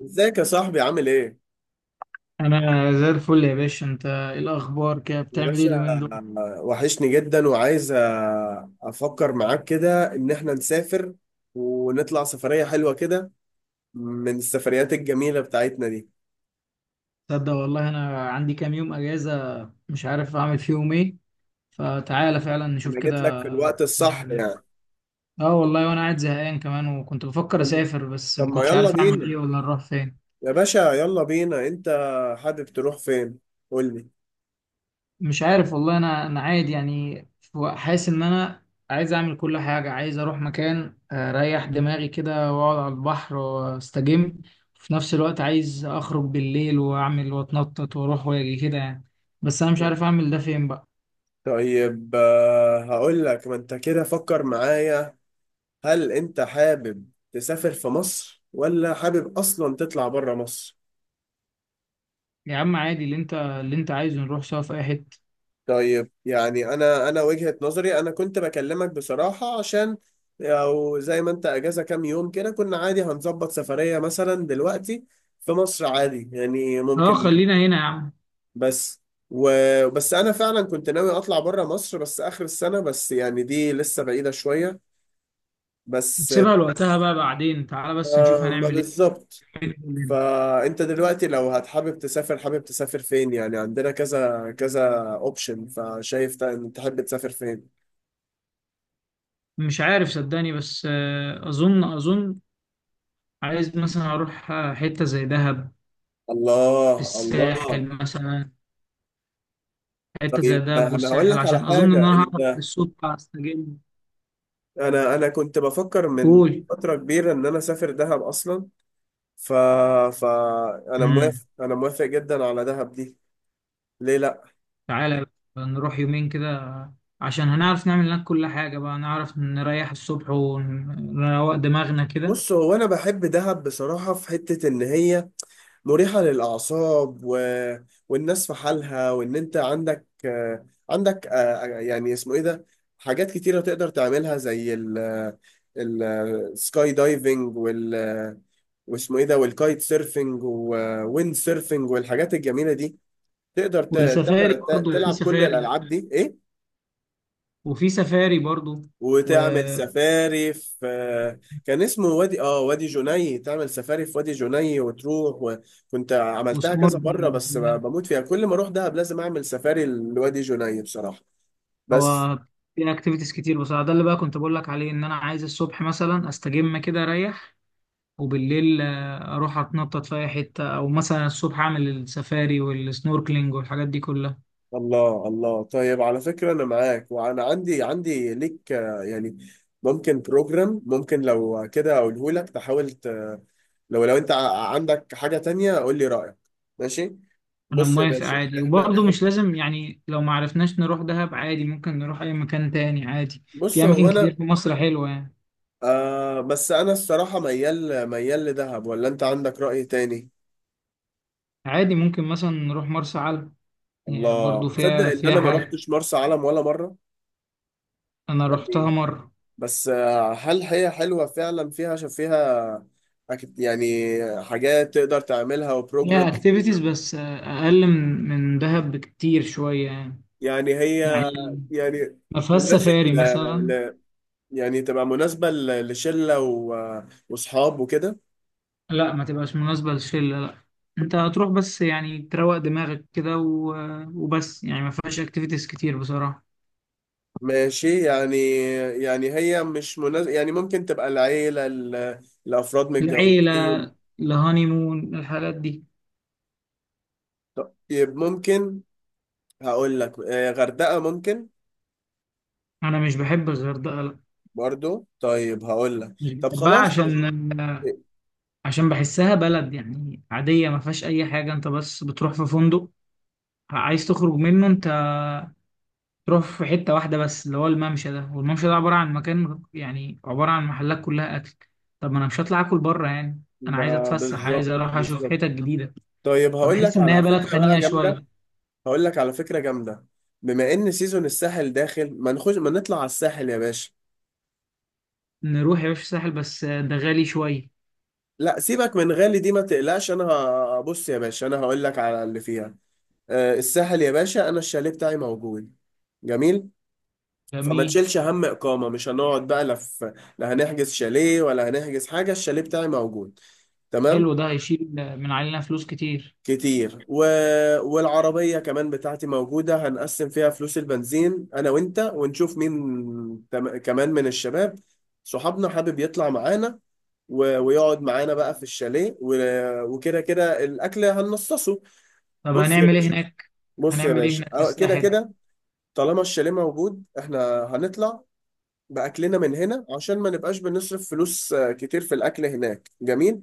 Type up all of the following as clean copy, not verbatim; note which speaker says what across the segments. Speaker 1: ازيك يا صاحبي عامل ايه؟
Speaker 2: انا زي الفل يا باشا، انت ايه الاخبار كده؟
Speaker 1: يا
Speaker 2: بتعمل ايه
Speaker 1: باشا،
Speaker 2: اليومين دول؟
Speaker 1: وحشني جدا وعايز افكر معاك كده ان احنا نسافر ونطلع سفرية حلوة كده، من السفريات الجميلة بتاعتنا دي.
Speaker 2: تصدق والله انا عندي كام يوم اجازه، مش عارف اعمل فيهم ايه. فتعالى فعلا نشوف
Speaker 1: انا
Speaker 2: كده
Speaker 1: جيت لك في الوقت الصح
Speaker 2: نعمل ايه.
Speaker 1: يعني.
Speaker 2: اه والله، وانا قاعد زهقان كمان وكنت بفكر
Speaker 1: طب
Speaker 2: اسافر، بس
Speaker 1: طب
Speaker 2: ما
Speaker 1: ما
Speaker 2: كنتش
Speaker 1: يلا
Speaker 2: عارف اعمل
Speaker 1: بينا
Speaker 2: ايه ولا نروح فين.
Speaker 1: يا باشا. يلا بينا، انت حابب تروح فين؟ قول لي.
Speaker 2: مش عارف والله، انا عادي يعني حاسس ان انا عايز اعمل كل حاجه، عايز اروح مكان اريح دماغي كده واقعد على البحر واستجم. في نفس الوقت عايز اخرج بالليل واعمل واتنطط واروح واجي كده يعني، بس انا مش عارف اعمل ده فين بقى.
Speaker 1: طيب، هقول لك، ما انت كده فكر معايا. هل انت حابب تسافر في مصر، ولا حابب اصلا تطلع بره مصر؟
Speaker 2: يا عم عادي اللي انت عايزه نروح سوا في اي حته.
Speaker 1: طيب، يعني انا وجهة نظري، انا كنت بكلمك بصراحة عشان او زي ما انت اجازة كام يوم كده، كنا عادي هنظبط سفرية مثلا دلوقتي في مصر عادي، يعني
Speaker 2: اه
Speaker 1: ممكن.
Speaker 2: خلينا هنا يا عم.
Speaker 1: بس و... بس انا فعلا كنت ناوي اطلع بره مصر، بس اخر السنة، بس يعني دي لسه بعيدة شوية. بس
Speaker 2: نسيبها لوقتها بقى، بعدين تعالى بس نشوف
Speaker 1: آه، ما
Speaker 2: هنعمل
Speaker 1: بالظبط.
Speaker 2: ايه.
Speaker 1: فانت دلوقتي لو هتحابب تسافر، حابب تسافر فين؟ يعني عندنا كذا كذا اوبشن، فشايف إن تحب تسافر فين.
Speaker 2: مش عارف صدقني، بس اظن عايز مثلا اروح حته زي دهب.
Speaker 1: الله
Speaker 2: الساحل
Speaker 1: الله.
Speaker 2: مثلا. حتة زي
Speaker 1: طيب
Speaker 2: دهب
Speaker 1: انا هقول
Speaker 2: والساحل
Speaker 1: لك على
Speaker 2: عشان أظن إن
Speaker 1: حاجه.
Speaker 2: أنا هعرف
Speaker 1: انت،
Speaker 2: الصوت هستجم.
Speaker 1: انا كنت بفكر من
Speaker 2: قول.
Speaker 1: فتره كبيره ان انا اسافر دهب اصلا، ف ف انا
Speaker 2: امم.
Speaker 1: موافق، انا موافق جدا على دهب دي. ليه لا؟
Speaker 2: تعالى بقى نروح يومين كده، عشان هنعرف نعمل هناك كل حاجة، بقى نعرف نريح الصبح ونروق دماغنا كده.
Speaker 1: بص، هو انا بحب دهب بصراحه. في حته ان هي مريحه للاعصاب، والناس في حالها، وان انت عندك، يعني اسمه ايه ده، حاجات كتيره تقدر تعملها، زي السكاي دايفنج، واسمه ايه ده، والكايت سيرفنج، وويند سيرفنج، والحاجات الجميله دي. تقدر
Speaker 2: والسفاري برضو، في
Speaker 1: تلعب كل
Speaker 2: سفاري
Speaker 1: الالعاب دي، ايه.
Speaker 2: وفي سفاري برضو و...
Speaker 1: وتعمل سفاري في، كان اسمه، وادي، وادي جني. تعمل سفاري في وادي جني وتروح. وكنت عملتها كذا مره،
Speaker 2: وسنوركلينج
Speaker 1: بس
Speaker 2: وكده.
Speaker 1: بموت فيها. كل ما اروح دهب لازم اعمل سفاري لوادي جني بصراحه. بس.
Speaker 2: هو في اكتيفيتيز كتير بصراحة، ده اللي بقى كنت بقول لك عليه، ان انا عايز الصبح مثلا استجم كده اريح، وبالليل اروح اتنطط في اي حته، او مثلا الصبح اعمل السفاري والسنوركلينج والحاجات دي كلها.
Speaker 1: الله الله. طيب على فكرة أنا معاك، وأنا عندي ليك، يعني ممكن بروجرام، ممكن لو كده أقوله لك تحاول لو أنت عندك حاجة تانية قول لي رأيك. ماشي.
Speaker 2: انا
Speaker 1: بص يا
Speaker 2: موافق
Speaker 1: باشا،
Speaker 2: عادي،
Speaker 1: إحنا
Speaker 2: وبرضه
Speaker 1: إحنا
Speaker 2: مش لازم يعني، لو ما عرفناش نروح دهب عادي ممكن نروح اي مكان تاني عادي.
Speaker 1: بص
Speaker 2: في
Speaker 1: هو
Speaker 2: اماكن
Speaker 1: أنا
Speaker 2: كتير في مصر حلوه يعني.
Speaker 1: آه، بس أنا الصراحة ميال ميال لدهب، ولا أنت عندك رأي تاني؟
Speaker 2: عادي ممكن مثلا نروح مرسى علم. يعني برضه
Speaker 1: الله، تصدق
Speaker 2: فيها
Speaker 1: إن
Speaker 2: فيها
Speaker 1: أنا ما
Speaker 2: حاجه.
Speaker 1: رحتش مرسى علم ولا مرة.
Speaker 2: انا روحتها
Speaker 1: يعني
Speaker 2: مره.
Speaker 1: بس، هل هي حلوة فعلا؟ فيها، عشان فيها أكيد يعني حاجات تقدر تعملها وبروجرام؟
Speaker 2: فيها اكتيفيتيز، بس اقل من دهب بكتير شويه يعني.
Speaker 1: يعني هي
Speaker 2: يعني
Speaker 1: يعني
Speaker 2: ما فيهاش
Speaker 1: تناسب
Speaker 2: سفاري مثلا.
Speaker 1: ل... يعني تبقى مناسبة لشلة وصحاب وكده.
Speaker 2: لا ما تبقاش مناسبة للشلة، لا. انت هتروح بس يعني تروق دماغك كده وبس، يعني ما فيهاش اكتيفيتيز كتير بصراحة.
Speaker 1: ماشي يعني. يعني هي مش مناسبة. يعني ممكن تبقى العيلة، لأفراد
Speaker 2: العيلة،
Speaker 1: متجوزين.
Speaker 2: الهانيمون، الحاجات دي.
Speaker 1: طيب ممكن، هقول لك، غردقة ممكن.
Speaker 2: انا مش بحب الغردقة، لا.
Speaker 1: برضو؟ طيب هقول لك،
Speaker 2: مش
Speaker 1: طب
Speaker 2: بحبها
Speaker 1: خلاص.
Speaker 2: عشان، عشان بحسها بلد يعني عادية، ما فيهاش اي حاجة. انت بس بتروح في فندق عايز تخرج منه، انت تروح في حتة واحدة بس اللي هو الممشى ده، والممشى ده عبارة عن مكان يعني عبارة عن محلات كلها اكل. طب ما انا مش هطلع اكل بره يعني. انا عايز
Speaker 1: ده
Speaker 2: اتفسح، عايز
Speaker 1: بالظبط،
Speaker 2: اروح اشوف
Speaker 1: بالظبط.
Speaker 2: حتت جديدة.
Speaker 1: طيب هقول
Speaker 2: فبحس
Speaker 1: لك
Speaker 2: ان
Speaker 1: على
Speaker 2: هي بلد
Speaker 1: فكرة بقى
Speaker 2: خنيقه
Speaker 1: جامدة.
Speaker 2: شويه.
Speaker 1: هقول لك على فكرة جامدة. بما ان سيزون الساحل داخل، ما نطلع على الساحل يا باشا.
Speaker 2: نروح يا باشا الساحل، بس ده غالي شويه.
Speaker 1: لا، سيبك من غالي دي، ما تقلقش، انا بص يا باشا، انا هقول لك على اللي فيها. آه، الساحل يا باشا، انا الشاليه بتاعي موجود. جميل. فما
Speaker 2: جميل.
Speaker 1: تشيلش هم اقامة. مش هنقعد بقى لا. لا هنحجز شاليه، ولا هنحجز حاجة، الشاليه بتاعي موجود. تمام.
Speaker 2: حلو، ده هيشيل من علينا فلوس كتير.
Speaker 1: كتير. والعربية كمان بتاعتي موجودة، هنقسم فيها فلوس البنزين أنا وأنت، ونشوف مين كمان من الشباب، صحابنا حابب يطلع معانا ويقعد معانا بقى في الشاليه، وكده كده الأكل هنصصه.
Speaker 2: طب
Speaker 1: بص يا
Speaker 2: هنعمل ايه
Speaker 1: باشا،
Speaker 2: هناك؟ هنعمل ايه هناك في
Speaker 1: كده
Speaker 2: الساحل؟
Speaker 1: كده، طالما الشاليه موجود، إحنا هنطلع بأكلنا من هنا، عشان ما نبقاش بنصرف فلوس كتير في الأكل. هناك جميل.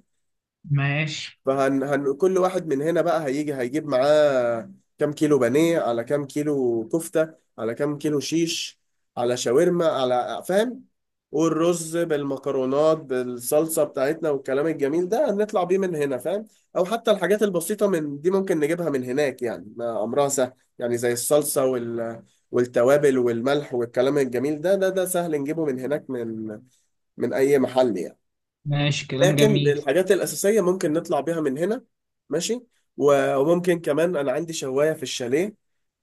Speaker 2: ماشي.
Speaker 1: فهن هن كل واحد من هنا بقى هيجي هيجيب معاه كام كيلو بانيه، على كام كيلو كفتة، على كام كيلو شيش، على شاورما، على، فاهم. والرز بالمكرونات بالصلصة بتاعتنا، والكلام الجميل ده هنطلع بيه من هنا، فاهم. او حتى الحاجات البسيطة من دي ممكن نجيبها من هناك، يعني ما امرها سهل. يعني زي الصلصة، والتوابل والملح والكلام الجميل ده، سهل نجيبه من هناك، من اي محل يعني.
Speaker 2: ماشي كلام
Speaker 1: لكن
Speaker 2: جميل.
Speaker 1: الحاجات الأساسية ممكن نطلع بيها من هنا. ماشي. وممكن كمان، أنا عندي شواية في الشاليه،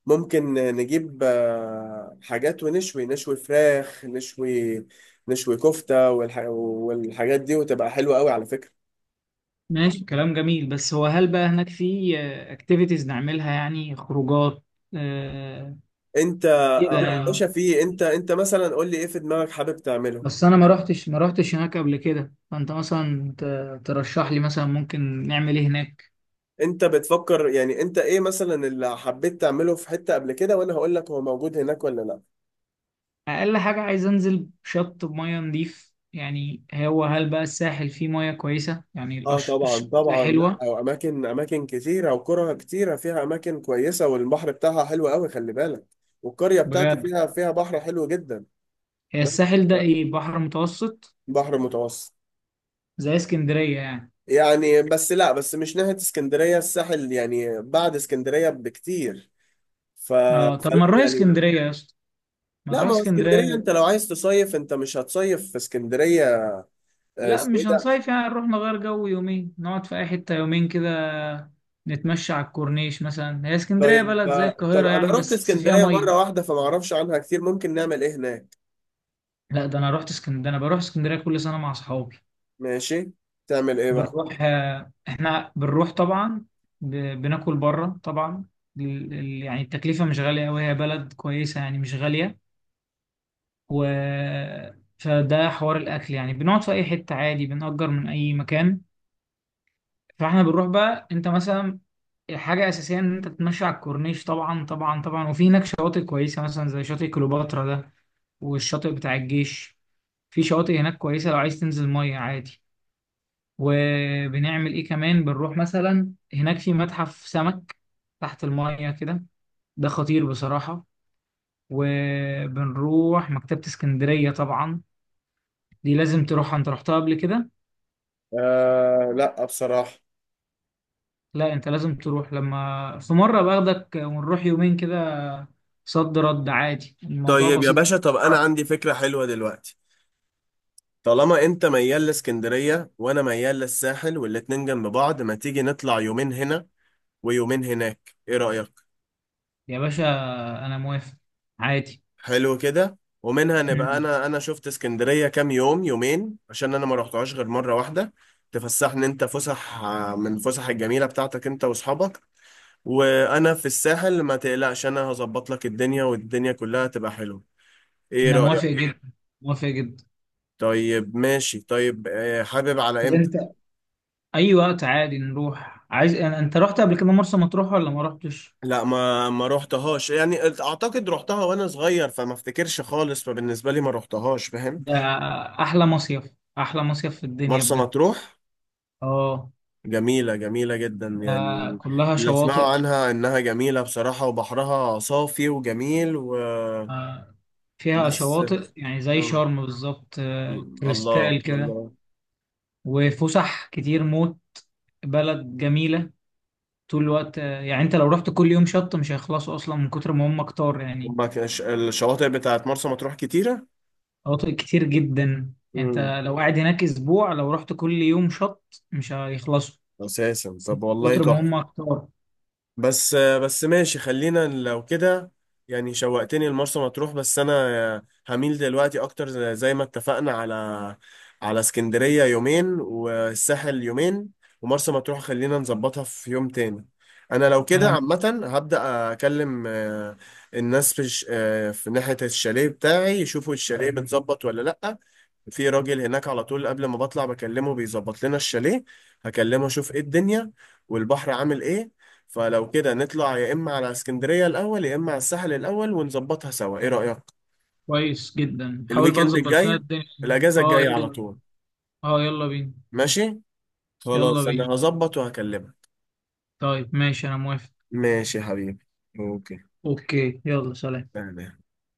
Speaker 1: ممكن نجيب حاجات ونشوي، نشوي فراخ، نشوي كفتة، والحاجات دي، وتبقى حلوة قوي على فكرة.
Speaker 2: ماشي كلام جميل، بس هو هل بقى هناك في اكتيفيتيز نعملها يعني خروجات آه،
Speaker 1: انت،
Speaker 2: كده
Speaker 1: يا
Speaker 2: يعني؟
Speaker 1: باشا، في، انت مثلا قول لي ايه في دماغك حابب تعمله.
Speaker 2: بس انا ما رحتش هناك قبل كده، فانت مثلا ترشح لي مثلا ممكن نعمل ايه هناك.
Speaker 1: انت بتفكر يعني انت ايه مثلا اللي حبيت تعمله في حتة قبل كده، وانا هقول لك هو موجود هناك ولا لا.
Speaker 2: اقل حاجه عايز انزل شط بميه نضيف، يعني هو هل بقى الساحل فيه ميه كويسه يعني؟
Speaker 1: اه طبعا
Speaker 2: الشواطئ
Speaker 1: طبعا. لا،
Speaker 2: حلوه؟
Speaker 1: واماكن، اماكن اماكن كتيره، وقرى كتيره، فيها اماكن كويسه، والبحر بتاعها حلو قوي، خلي بالك. والقريه بتاعتي
Speaker 2: بجد.
Speaker 1: فيها، بحر حلو جدا.
Speaker 2: هي
Speaker 1: بس،
Speaker 2: الساحل ده
Speaker 1: آه،
Speaker 2: ايه، بحر متوسط؟
Speaker 1: بحر متوسط.
Speaker 2: زي اسكندريه يعني.
Speaker 1: يعني بس لا، بس مش ناحيه اسكندريه، الساحل يعني بعد اسكندريه بكتير.
Speaker 2: اه طب
Speaker 1: فلا
Speaker 2: ما نروح
Speaker 1: يعني.
Speaker 2: اسكندريه يا اسطى، ما
Speaker 1: لا،
Speaker 2: نروح
Speaker 1: ما هو اسكندريه
Speaker 2: اسكندريه.
Speaker 1: انت لو عايز تصيف، انت مش هتصيف في اسكندريه،
Speaker 2: لا
Speaker 1: اسمه ايه
Speaker 2: مش
Speaker 1: ده.
Speaker 2: هنصيف يعني، نروح نغير جو يومين، نقعد في اي حته يومين كده، نتمشى على الكورنيش مثلا. هي اسكندريه
Speaker 1: طيب،
Speaker 2: بلد زي
Speaker 1: طب
Speaker 2: القاهره
Speaker 1: انا
Speaker 2: يعني،
Speaker 1: رحت
Speaker 2: بس فيها
Speaker 1: اسكندريه
Speaker 2: ميه.
Speaker 1: مره واحده، فما اعرفش عنها كتير. ممكن نعمل ايه هناك؟
Speaker 2: لا ده انا رحت اسكندريه، انا بروح اسكندريه كل سنه مع اصحابي.
Speaker 1: ماشي، تعمل ايه بقى.
Speaker 2: بنروح احنا بنروح طبعا، ب- بناكل بره طبعا. يعني التكلفة مش غالية أوي، هي بلد كويسة يعني مش غالية. و فده حوار الأكل يعني، بنقعد في أي حتة عادي، بنأجر من أي مكان. فاحنا بنروح بقى، أنت مثلا حاجة أساسية إن أنت تتمشى على الكورنيش طبعا طبعا طبعا. وفي هناك شواطئ كويسة مثلا، زي شاطئ كليوباترا ده، والشاطئ بتاع الجيش. في شواطئ هناك كويسة لو عايز تنزل مية عادي. وبنعمل ايه كمان، بنروح مثلا هناك في متحف سمك تحت المية كده، ده خطير بصراحة. وبنروح مكتبة اسكندرية طبعا، دي لازم تروحها. انت رحتها قبل كده؟
Speaker 1: آه لا، بصراحة.
Speaker 2: لا انت لازم تروح، لما في مرة باخدك ونروح يومين كده. صد رد عادي، الموضوع
Speaker 1: طيب يا
Speaker 2: بسيط.
Speaker 1: باشا، طب انا عندي فكرة حلوة دلوقتي. طالما انت ميال لاسكندرية، وانا ميال للساحل، والاتنين جنب بعض، ما تيجي نطلع يومين هنا، ويومين هناك، ايه رأيك؟
Speaker 2: يا باشا انا موافق عادي.
Speaker 1: حلو كده. ومنها نبقى،
Speaker 2: مم.
Speaker 1: انا شفت اسكندرية كام يوم، يومين، عشان انا ما رحتهاش غير مرة واحدة. تفسحني، انت فسح من فسح الجميلة بتاعتك انت واصحابك، وانا في الساحل ما تقلقش، انا هظبط لك الدنيا، والدنيا كلها تبقى حلوة. ايه
Speaker 2: انا موافق
Speaker 1: رأيك؟
Speaker 2: جدا، موافق جدا.
Speaker 1: طيب ماشي. طيب، حابب على
Speaker 2: طب
Speaker 1: امتى؟
Speaker 2: انت، اي وقت عادي نروح. عايز، انت رحت قبل كده مرسى مطروح ولا ما رحتش؟
Speaker 1: لا، ما روحتهاش يعني، اعتقد روحتها وانا صغير فما افتكرش خالص، فبالنسبه لي ما روحتهاش، فاهم.
Speaker 2: ده احلى مصيف، احلى مصيف في الدنيا
Speaker 1: مرسى
Speaker 2: بجد.
Speaker 1: مطروح،
Speaker 2: اه.
Speaker 1: جميله، جميله جدا
Speaker 2: ده
Speaker 1: يعني.
Speaker 2: كلها
Speaker 1: اللي اسمعوا
Speaker 2: شواطئ.
Speaker 1: عنها انها جميله بصراحه، وبحرها صافي وجميل.
Speaker 2: آه، فيها
Speaker 1: بس.
Speaker 2: شواطئ يعني زي
Speaker 1: آه.
Speaker 2: شرم بالظبط،
Speaker 1: الله
Speaker 2: كريستال كده.
Speaker 1: الله.
Speaker 2: وفسح كتير موت، بلد جميلة. طول الوقت يعني انت لو رحت كل يوم شط مش هيخلصوا اصلا من كتر ما هم كتار يعني.
Speaker 1: هما الشواطئ بتاعت مرسى مطروح كتيره.
Speaker 2: شواطئ كتير جدا. يعني
Speaker 1: امم.
Speaker 2: انت لو قاعد هناك اسبوع، لو رحت كل يوم شط مش هيخلصوا
Speaker 1: اساسا
Speaker 2: من
Speaker 1: طب والله
Speaker 2: كتر ما
Speaker 1: تحفه.
Speaker 2: هم كتار.
Speaker 1: بس ماشي، خلينا لو كده، يعني شوقتني لمرسى مطروح، بس انا هميل دلوقتي اكتر، زي ما اتفقنا، على اسكندرية يومين، والساحل يومين، ومرسى مطروح خلينا نظبطها في يوم تاني. انا لو كده
Speaker 2: انا
Speaker 1: عامة، هبدأ اكلم الناس في في ناحية الشاليه بتاعي، يشوفوا الشاليه متظبط ولا لأ. في راجل هناك على طول قبل ما بطلع بكلمه، بيظبط لنا الشاليه. هكلمه اشوف ايه الدنيا، والبحر عامل ايه. فلو كده نطلع، يا اما على اسكندرية الاول، يا اما على الساحل الاول، ونظبطها سوا، ايه رأيك؟
Speaker 2: كويس جدا، حاول بقى
Speaker 1: الويكند
Speaker 2: تظبط لنا
Speaker 1: الجاي،
Speaker 2: الدنيا.
Speaker 1: الاجازة
Speaker 2: اه
Speaker 1: الجاية على
Speaker 2: يلا.
Speaker 1: طول.
Speaker 2: اه يلا بينا،
Speaker 1: ماشي،
Speaker 2: يلا
Speaker 1: خلاص انا
Speaker 2: بينا.
Speaker 1: هظبط وهكلمك.
Speaker 2: طيب ماشي، انا موافق.
Speaker 1: ماشي يا حبيبي. اوكي
Speaker 2: اوكي، يلا سلام.
Speaker 1: تمام.